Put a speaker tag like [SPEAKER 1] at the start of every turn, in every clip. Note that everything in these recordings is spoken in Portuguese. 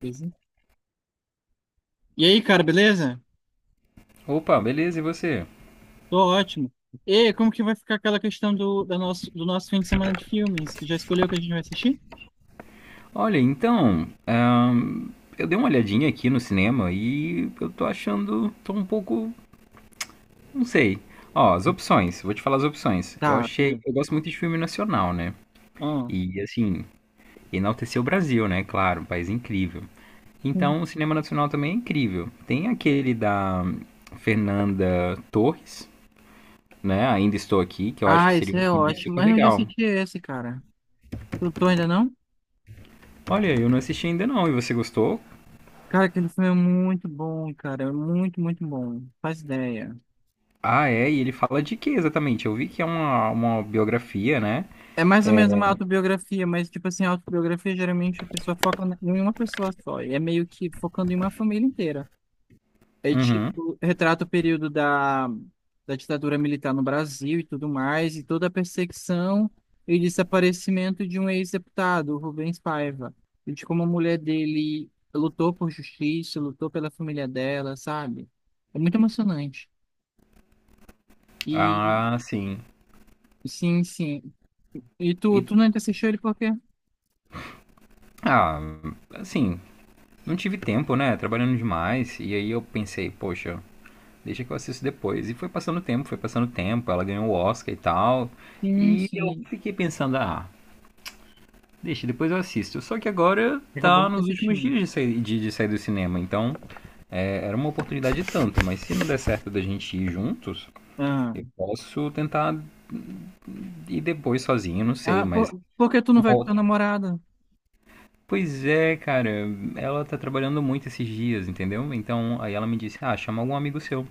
[SPEAKER 1] Beleza. E aí, cara, beleza?
[SPEAKER 2] Opa, beleza, e você?
[SPEAKER 1] Tô ótimo. E como que vai ficar aquela questão do nosso fim de semana de filmes? Já escolheu o que a gente vai assistir?
[SPEAKER 2] Olha, então, ahn, eu dei uma olhadinha aqui no cinema e eu tô achando, tô um pouco, não sei. Ó, as opções, vou te falar as opções. Eu
[SPEAKER 1] Tá,
[SPEAKER 2] achei,
[SPEAKER 1] né?
[SPEAKER 2] eu gosto muito de filme nacional, né?
[SPEAKER 1] Ah.
[SPEAKER 2] E assim, enaltecer o Brasil, né? Claro, um país incrível.
[SPEAKER 1] Hum.
[SPEAKER 2] Então, o cinema nacional também é incrível. Tem aquele da Fernanda Torres, né? Ainda Estou Aqui, que eu acho que
[SPEAKER 1] Ah,
[SPEAKER 2] seria
[SPEAKER 1] esse
[SPEAKER 2] um
[SPEAKER 1] é
[SPEAKER 2] filme
[SPEAKER 1] ótimo.
[SPEAKER 2] super
[SPEAKER 1] Mas eu já
[SPEAKER 2] legal.
[SPEAKER 1] assisti esse, cara. Tu ainda não?
[SPEAKER 2] Olha, eu não assisti ainda não, e você gostou?
[SPEAKER 1] Cara, aquele filme é muito bom, cara. É muito bom. Faz ideia.
[SPEAKER 2] Ah, é, e ele fala de que exatamente? Eu vi que é uma biografia, né?
[SPEAKER 1] É mais ou menos uma autobiografia, mas, tipo assim, a autobiografia geralmente a pessoa foca em uma pessoa só. E é meio que focando em uma família inteira. É
[SPEAKER 2] Uhum.
[SPEAKER 1] tipo, retrata o período da ditadura militar no Brasil e tudo mais, e toda a perseguição e desaparecimento de um ex-deputado, o Rubens Paiva. E de como a mulher dele lutou por justiça, lutou pela família dela, sabe? É muito emocionante. E
[SPEAKER 2] Ah, sim.
[SPEAKER 1] sim, sim. E
[SPEAKER 2] E,
[SPEAKER 1] tu nunca assistiu ele por quê?
[SPEAKER 2] ah, assim, não tive tempo, né? Trabalhando demais. E aí eu pensei, poxa, deixa que eu assisto depois. E foi passando tempo, foi passando tempo. Ela ganhou o Oscar e tal.
[SPEAKER 1] Sim,
[SPEAKER 2] E eu
[SPEAKER 1] sim.
[SPEAKER 2] fiquei pensando, ah, deixa, depois eu assisto. Só que agora
[SPEAKER 1] Acabou
[SPEAKER 2] tá
[SPEAKER 1] nunca
[SPEAKER 2] nos últimos
[SPEAKER 1] assistindo.
[SPEAKER 2] dias de sair, de sair do cinema. Então, é, era uma oportunidade tanto. Mas se não der certo da gente ir juntos,
[SPEAKER 1] Ah,
[SPEAKER 2] eu posso tentar e depois sozinho, não sei,
[SPEAKER 1] ah
[SPEAKER 2] mas
[SPEAKER 1] por que tu não
[SPEAKER 2] uma
[SPEAKER 1] vai com tua
[SPEAKER 2] outra.
[SPEAKER 1] namorada?
[SPEAKER 2] Pois é, cara, ela tá trabalhando muito esses dias, entendeu? Então, aí ela me disse: "Ah, chama algum amigo seu".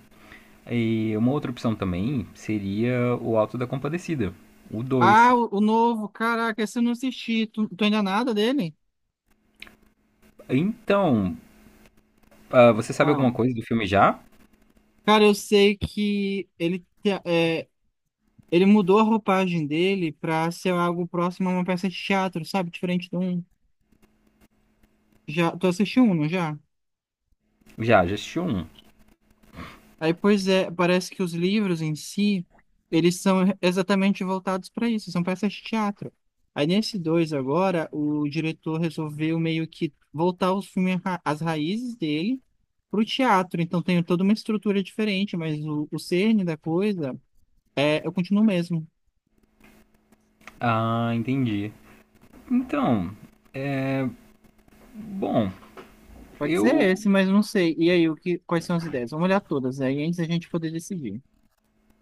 [SPEAKER 2] E uma outra opção também seria o Auto da Compadecida, o
[SPEAKER 1] Ah,
[SPEAKER 2] dois.
[SPEAKER 1] o novo, caraca, esse eu não assisti. Tu ainda nada dele?
[SPEAKER 2] Então, você sabe alguma
[SPEAKER 1] Ah,
[SPEAKER 2] coisa do filme já?
[SPEAKER 1] cara, eu sei que ele mudou a roupagem dele pra ser algo próximo a uma peça de teatro, sabe? Diferente de um. Já, tu assistiu um, não já?
[SPEAKER 2] Já, já assisti um.
[SPEAKER 1] Aí, pois é, parece que os livros em si, eles são exatamente voltados para isso, são peças de teatro. Aí, nesse dois agora, o diretor resolveu meio que voltar os filmes, as raízes dele pro teatro. Então, tem toda uma estrutura diferente, mas o cerne da coisa é, eu continuo mesmo.
[SPEAKER 2] Ah, entendi. Então, bom,
[SPEAKER 1] Pode ser
[SPEAKER 2] eu.
[SPEAKER 1] esse, mas não sei. E aí, quais são as ideias? Vamos olhar todas aí antes da gente poder decidir.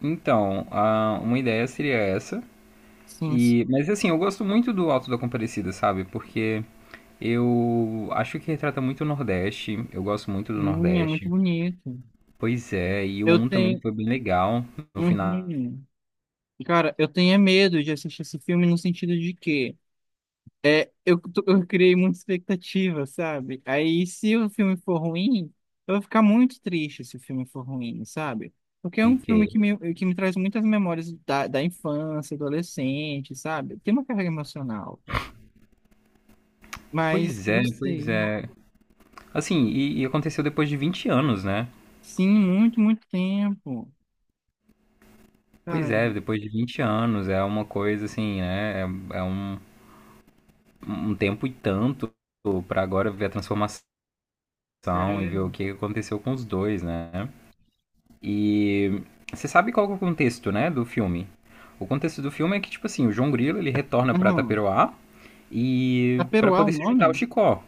[SPEAKER 2] Então, uma ideia seria essa.
[SPEAKER 1] Sim, sim.
[SPEAKER 2] E, mas assim, eu gosto muito do Auto da Compadecida, sabe? Porque eu acho que retrata muito o Nordeste. Eu gosto muito do
[SPEAKER 1] É muito
[SPEAKER 2] Nordeste.
[SPEAKER 1] bonito.
[SPEAKER 2] Pois é, e o
[SPEAKER 1] Eu
[SPEAKER 2] um também
[SPEAKER 1] tenho.
[SPEAKER 2] foi bem legal no final.
[SPEAKER 1] Uhum. Cara, eu tenho é medo de assistir esse filme no sentido de que eu criei muita expectativa, sabe? Aí, se o filme for ruim, eu vou ficar muito triste se o filme for ruim, sabe? Porque é
[SPEAKER 2] E
[SPEAKER 1] um
[SPEAKER 2] que
[SPEAKER 1] filme
[SPEAKER 2] é-
[SPEAKER 1] que que me traz muitas memórias da infância, adolescente, sabe? Tem uma carga emocional. Mas
[SPEAKER 2] Pois é,
[SPEAKER 1] não
[SPEAKER 2] pois
[SPEAKER 1] sei.
[SPEAKER 2] é. Assim, e aconteceu depois de 20 anos, né?
[SPEAKER 1] Sim, muito tempo.
[SPEAKER 2] Pois
[SPEAKER 1] Caramba,
[SPEAKER 2] é, depois de 20 anos, é uma coisa assim, né? É um tempo e tanto pra agora ver a transformação e ver o
[SPEAKER 1] caramba.
[SPEAKER 2] que aconteceu com os dois, né? E você sabe qual que é o contexto, né, do filme? O contexto do filme é que, tipo assim, o João Grilo, ele retorna pra
[SPEAKER 1] Aham.
[SPEAKER 2] Taperoá e para
[SPEAKER 1] Taperoá é o
[SPEAKER 2] poder se juntar ao
[SPEAKER 1] nome?
[SPEAKER 2] Chicó,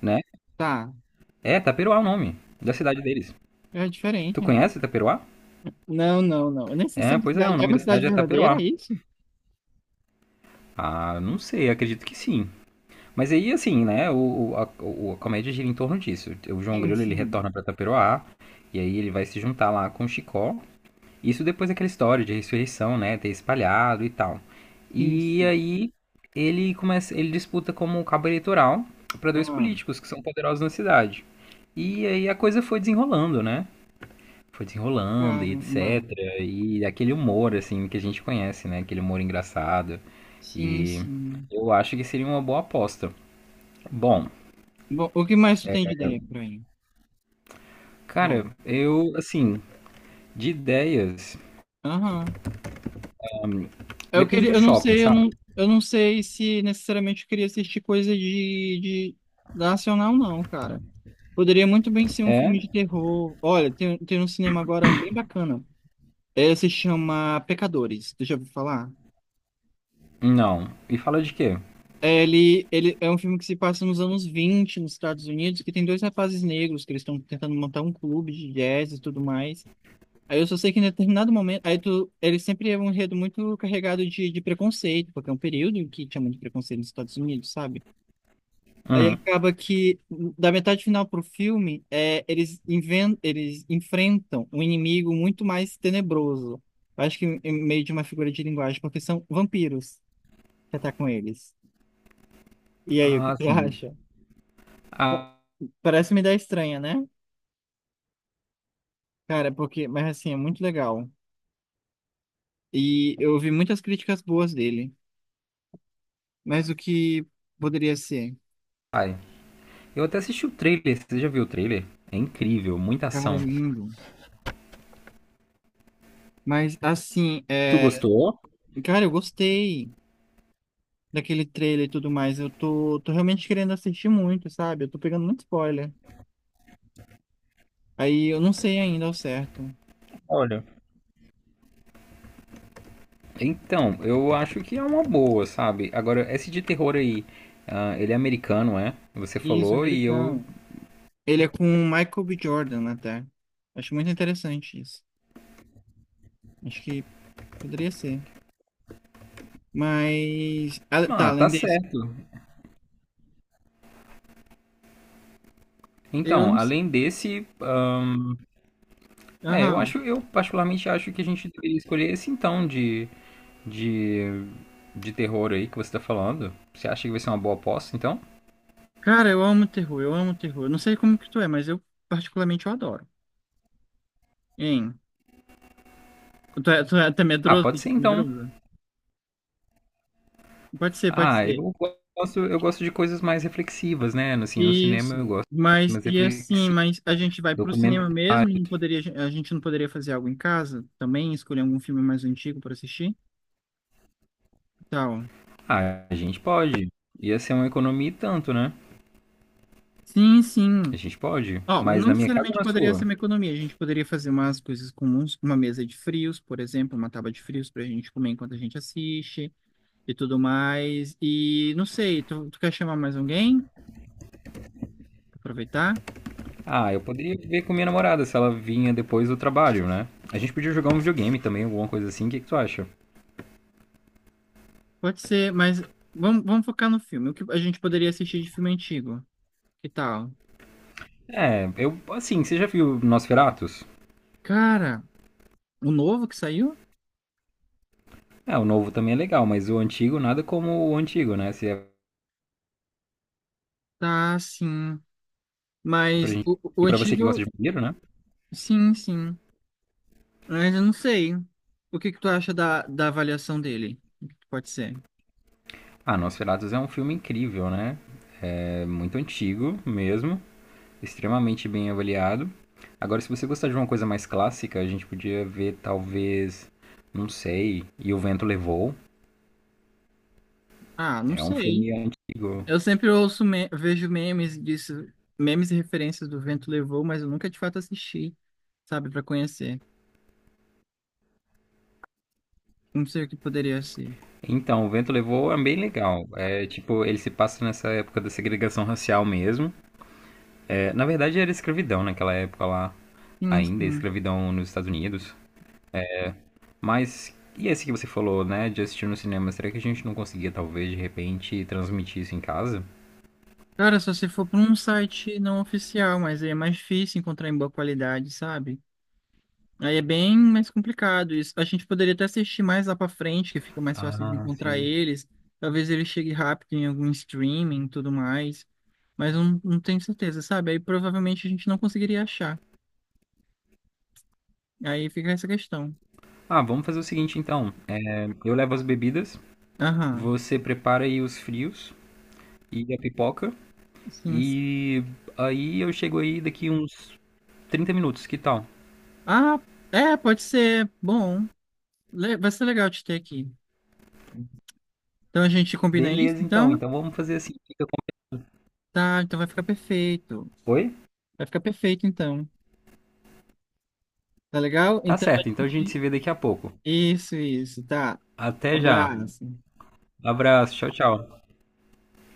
[SPEAKER 2] né?
[SPEAKER 1] Tá,
[SPEAKER 2] É, Taperoá é o nome da cidade deles.
[SPEAKER 1] é
[SPEAKER 2] Tu
[SPEAKER 1] diferente.
[SPEAKER 2] conhece Taperoá?
[SPEAKER 1] Não, não, não. Eu nem sei se é
[SPEAKER 2] É,
[SPEAKER 1] uma
[SPEAKER 2] pois é,
[SPEAKER 1] cidade.
[SPEAKER 2] o
[SPEAKER 1] É
[SPEAKER 2] nome
[SPEAKER 1] uma
[SPEAKER 2] da
[SPEAKER 1] cidade
[SPEAKER 2] cidade é
[SPEAKER 1] verdadeira, é
[SPEAKER 2] Taperoá.
[SPEAKER 1] isso?
[SPEAKER 2] Ah, não sei, acredito que sim. Mas aí, assim, né, a comédia gira em torno disso. O João
[SPEAKER 1] Sim,
[SPEAKER 2] Grilo, ele
[SPEAKER 1] sim.
[SPEAKER 2] retorna pra Taperoá, e aí ele vai se juntar lá com o Chicó. Isso depois daquela história de ressurreição, né, ter espalhado e tal.
[SPEAKER 1] Sim,
[SPEAKER 2] E
[SPEAKER 1] sim.
[SPEAKER 2] aí ele começa, ele disputa como um cabo eleitoral para dois
[SPEAKER 1] Ah,
[SPEAKER 2] políticos que são poderosos na cidade. E aí a coisa foi desenrolando, né? Foi desenrolando e
[SPEAKER 1] caramba.
[SPEAKER 2] etc. E aquele humor assim que a gente conhece, né, aquele humor engraçado.
[SPEAKER 1] Sim,
[SPEAKER 2] E
[SPEAKER 1] sim.
[SPEAKER 2] eu acho que seria uma boa aposta. Bom,
[SPEAKER 1] Bom, o que mais tu tem de ideia por aí?
[SPEAKER 2] cara,
[SPEAKER 1] Vamos.
[SPEAKER 2] eu assim, de ideias,
[SPEAKER 1] Aham. Eu
[SPEAKER 2] depende
[SPEAKER 1] queria,
[SPEAKER 2] do
[SPEAKER 1] eu não
[SPEAKER 2] shopping,
[SPEAKER 1] sei,
[SPEAKER 2] sabe?
[SPEAKER 1] eu não sei se necessariamente eu queria assistir coisa de nacional, não, cara. Poderia muito bem ser um
[SPEAKER 2] É?
[SPEAKER 1] filme de terror. Olha, tem um cinema agora um bem bacana. É, se chama Pecadores. Tu já eu falar.
[SPEAKER 2] Não. E fala de quê?
[SPEAKER 1] É, ele é um filme que se passa nos anos 20 nos Estados Unidos, que tem dois rapazes negros que eles estão tentando montar um clube de jazz e tudo mais. Aí eu só sei que em determinado momento, aí tu, ele sempre é um enredo muito carregado de preconceito, porque é um período em que chamam de preconceito nos Estados Unidos, sabe? Aí
[SPEAKER 2] Uhum.
[SPEAKER 1] acaba que, da metade final pro filme, é, eles enfrentam um inimigo muito mais tenebroso. Acho que em meio de uma figura de linguagem, porque são vampiros que atacam eles. E aí, o que
[SPEAKER 2] Ah,
[SPEAKER 1] tu
[SPEAKER 2] sim.
[SPEAKER 1] acha?
[SPEAKER 2] Ah,
[SPEAKER 1] Parece uma ideia estranha, né? Cara, porque, mas assim, é muito legal. E eu ouvi muitas críticas boas dele. Mas o que poderia ser?
[SPEAKER 2] ai. Eu até assisti o trailer. Você já viu o trailer? É incrível, muita
[SPEAKER 1] Cara,
[SPEAKER 2] ação.
[SPEAKER 1] é lindo. Mas assim,
[SPEAKER 2] Tu
[SPEAKER 1] é...
[SPEAKER 2] gostou?
[SPEAKER 1] cara, eu gostei daquele trailer e tudo mais. Eu tô realmente querendo assistir muito, sabe? Eu tô pegando muito spoiler. Aí eu não sei ainda ao certo.
[SPEAKER 2] Olha. Então, eu acho que é uma boa, sabe? Agora, esse de terror aí, ah, ele é americano, é? Você
[SPEAKER 1] Isso,
[SPEAKER 2] falou e eu.
[SPEAKER 1] americano. Ele é com o Michael B. Jordan até. Acho muito interessante isso. Acho que poderia ser. Mas. Ah, tá,
[SPEAKER 2] Ah, tá
[SPEAKER 1] além desse.
[SPEAKER 2] certo.
[SPEAKER 1] Eu
[SPEAKER 2] Então,
[SPEAKER 1] não sei.
[SPEAKER 2] além desse, é, eu
[SPEAKER 1] Aham.
[SPEAKER 2] acho, eu particularmente acho que a gente deveria escolher esse então de, de, de terror aí que você tá falando. Você acha que vai ser uma boa aposta, então?
[SPEAKER 1] Cara, eu amo terror, eu amo terror. Eu não sei como que tu é, mas eu particularmente eu adoro. Hein? Tu é até
[SPEAKER 2] Ah,
[SPEAKER 1] medroso?
[SPEAKER 2] pode ser
[SPEAKER 1] Tipo,
[SPEAKER 2] então.
[SPEAKER 1] medroso? Pode ser, pode
[SPEAKER 2] Ah,
[SPEAKER 1] ser.
[SPEAKER 2] eu gosto de coisas mais reflexivas, né? Assim, no cinema eu
[SPEAKER 1] Isso,
[SPEAKER 2] gosto de coisas
[SPEAKER 1] mas
[SPEAKER 2] mais
[SPEAKER 1] e assim,
[SPEAKER 2] reflexivas.
[SPEAKER 1] mas a gente vai pro cinema mesmo?
[SPEAKER 2] Documentário.
[SPEAKER 1] A gente não poderia fazer algo em casa também? Escolher algum filme mais antigo para assistir? Tal.
[SPEAKER 2] Ah, a gente pode. Ia ser uma economia e tanto, né?
[SPEAKER 1] Sim,
[SPEAKER 2] A
[SPEAKER 1] sim.
[SPEAKER 2] gente pode.
[SPEAKER 1] Ó,
[SPEAKER 2] Mas
[SPEAKER 1] não
[SPEAKER 2] na minha casa ou
[SPEAKER 1] necessariamente
[SPEAKER 2] na
[SPEAKER 1] poderia ser
[SPEAKER 2] sua?
[SPEAKER 1] uma economia. A gente poderia fazer umas coisas comuns, uma mesa de frios, por exemplo, uma tábua de frios para a gente comer enquanto a gente assiste e tudo mais. E não sei, tu quer chamar mais alguém? Pra aproveitar?
[SPEAKER 2] Ah, eu poderia ver com minha namorada se ela vinha depois do trabalho, né? A gente podia jogar um videogame também, alguma coisa assim. O que que tu acha?
[SPEAKER 1] Pode ser, mas vamos focar no filme. O que a gente poderia assistir de filme antigo? Que tal?
[SPEAKER 2] É, eu, assim, você já viu Nosferatus?
[SPEAKER 1] Cara. O novo que saiu?
[SPEAKER 2] É, o novo também é legal, mas o antigo, nada como o antigo, né? Se é
[SPEAKER 1] Tá, sim.
[SPEAKER 2] pra
[SPEAKER 1] Mas
[SPEAKER 2] gente...
[SPEAKER 1] o
[SPEAKER 2] E pra você que gosta
[SPEAKER 1] antigo,
[SPEAKER 2] de vampiro, né?
[SPEAKER 1] sim, sim. Mas eu não sei. O que que tu acha da avaliação dele? O que que pode ser.
[SPEAKER 2] Ah, Nosferatus é um filme incrível, né? É muito antigo mesmo, extremamente bem avaliado. Agora, se você gostar de uma coisa mais clássica, a gente podia ver talvez, não sei, E o Vento Levou.
[SPEAKER 1] Ah, não
[SPEAKER 2] É um
[SPEAKER 1] sei.
[SPEAKER 2] filme antigo.
[SPEAKER 1] Eu sempre ouço, vejo memes disso, memes e referências do Vento Levou, mas eu nunca de fato assisti, sabe, pra conhecer. Não sei o que poderia ser.
[SPEAKER 2] Então, O Vento Levou é bem legal. É tipo, ele se passa nessa época da segregação racial mesmo. É, na verdade, era escravidão naquela época lá,
[SPEAKER 1] Sim,
[SPEAKER 2] ainda, é
[SPEAKER 1] sim.
[SPEAKER 2] escravidão nos Estados Unidos. Mas, e esse que você falou, né, de assistir no cinema, será que a gente não conseguia talvez de repente transmitir isso em casa?
[SPEAKER 1] Cara, só se for pra um site não oficial, mas aí é mais difícil encontrar em boa qualidade, sabe? Aí é bem mais complicado isso. A gente poderia até assistir mais lá pra frente, que fica mais fácil de
[SPEAKER 2] Ah,
[SPEAKER 1] encontrar
[SPEAKER 2] sim.
[SPEAKER 1] eles. Talvez ele chegue rápido em algum streaming e tudo mais. Mas eu não, não tenho certeza, sabe? Aí provavelmente a gente não conseguiria achar. Aí fica essa questão.
[SPEAKER 2] Ah, vamos fazer o seguinte então. Eu levo as bebidas,
[SPEAKER 1] Aham.
[SPEAKER 2] você prepara aí os frios e a pipoca,
[SPEAKER 1] Sim.
[SPEAKER 2] e aí eu chego aí daqui uns 30 minutos, que tal?
[SPEAKER 1] Ah, é, pode ser. Bom, vai ser legal te ter aqui. Então a gente combina isso,
[SPEAKER 2] Beleza então,
[SPEAKER 1] então?
[SPEAKER 2] então vamos fazer assim. Fica
[SPEAKER 1] Tá, então vai ficar perfeito.
[SPEAKER 2] Oi?
[SPEAKER 1] Vai ficar perfeito, então. Tá legal?
[SPEAKER 2] Tá
[SPEAKER 1] Então
[SPEAKER 2] certo,
[SPEAKER 1] a
[SPEAKER 2] então a gente
[SPEAKER 1] gente.
[SPEAKER 2] se vê daqui a pouco.
[SPEAKER 1] Isso, tá.
[SPEAKER 2] Até já.
[SPEAKER 1] Abraço.
[SPEAKER 2] Abraço, tchau, tchau.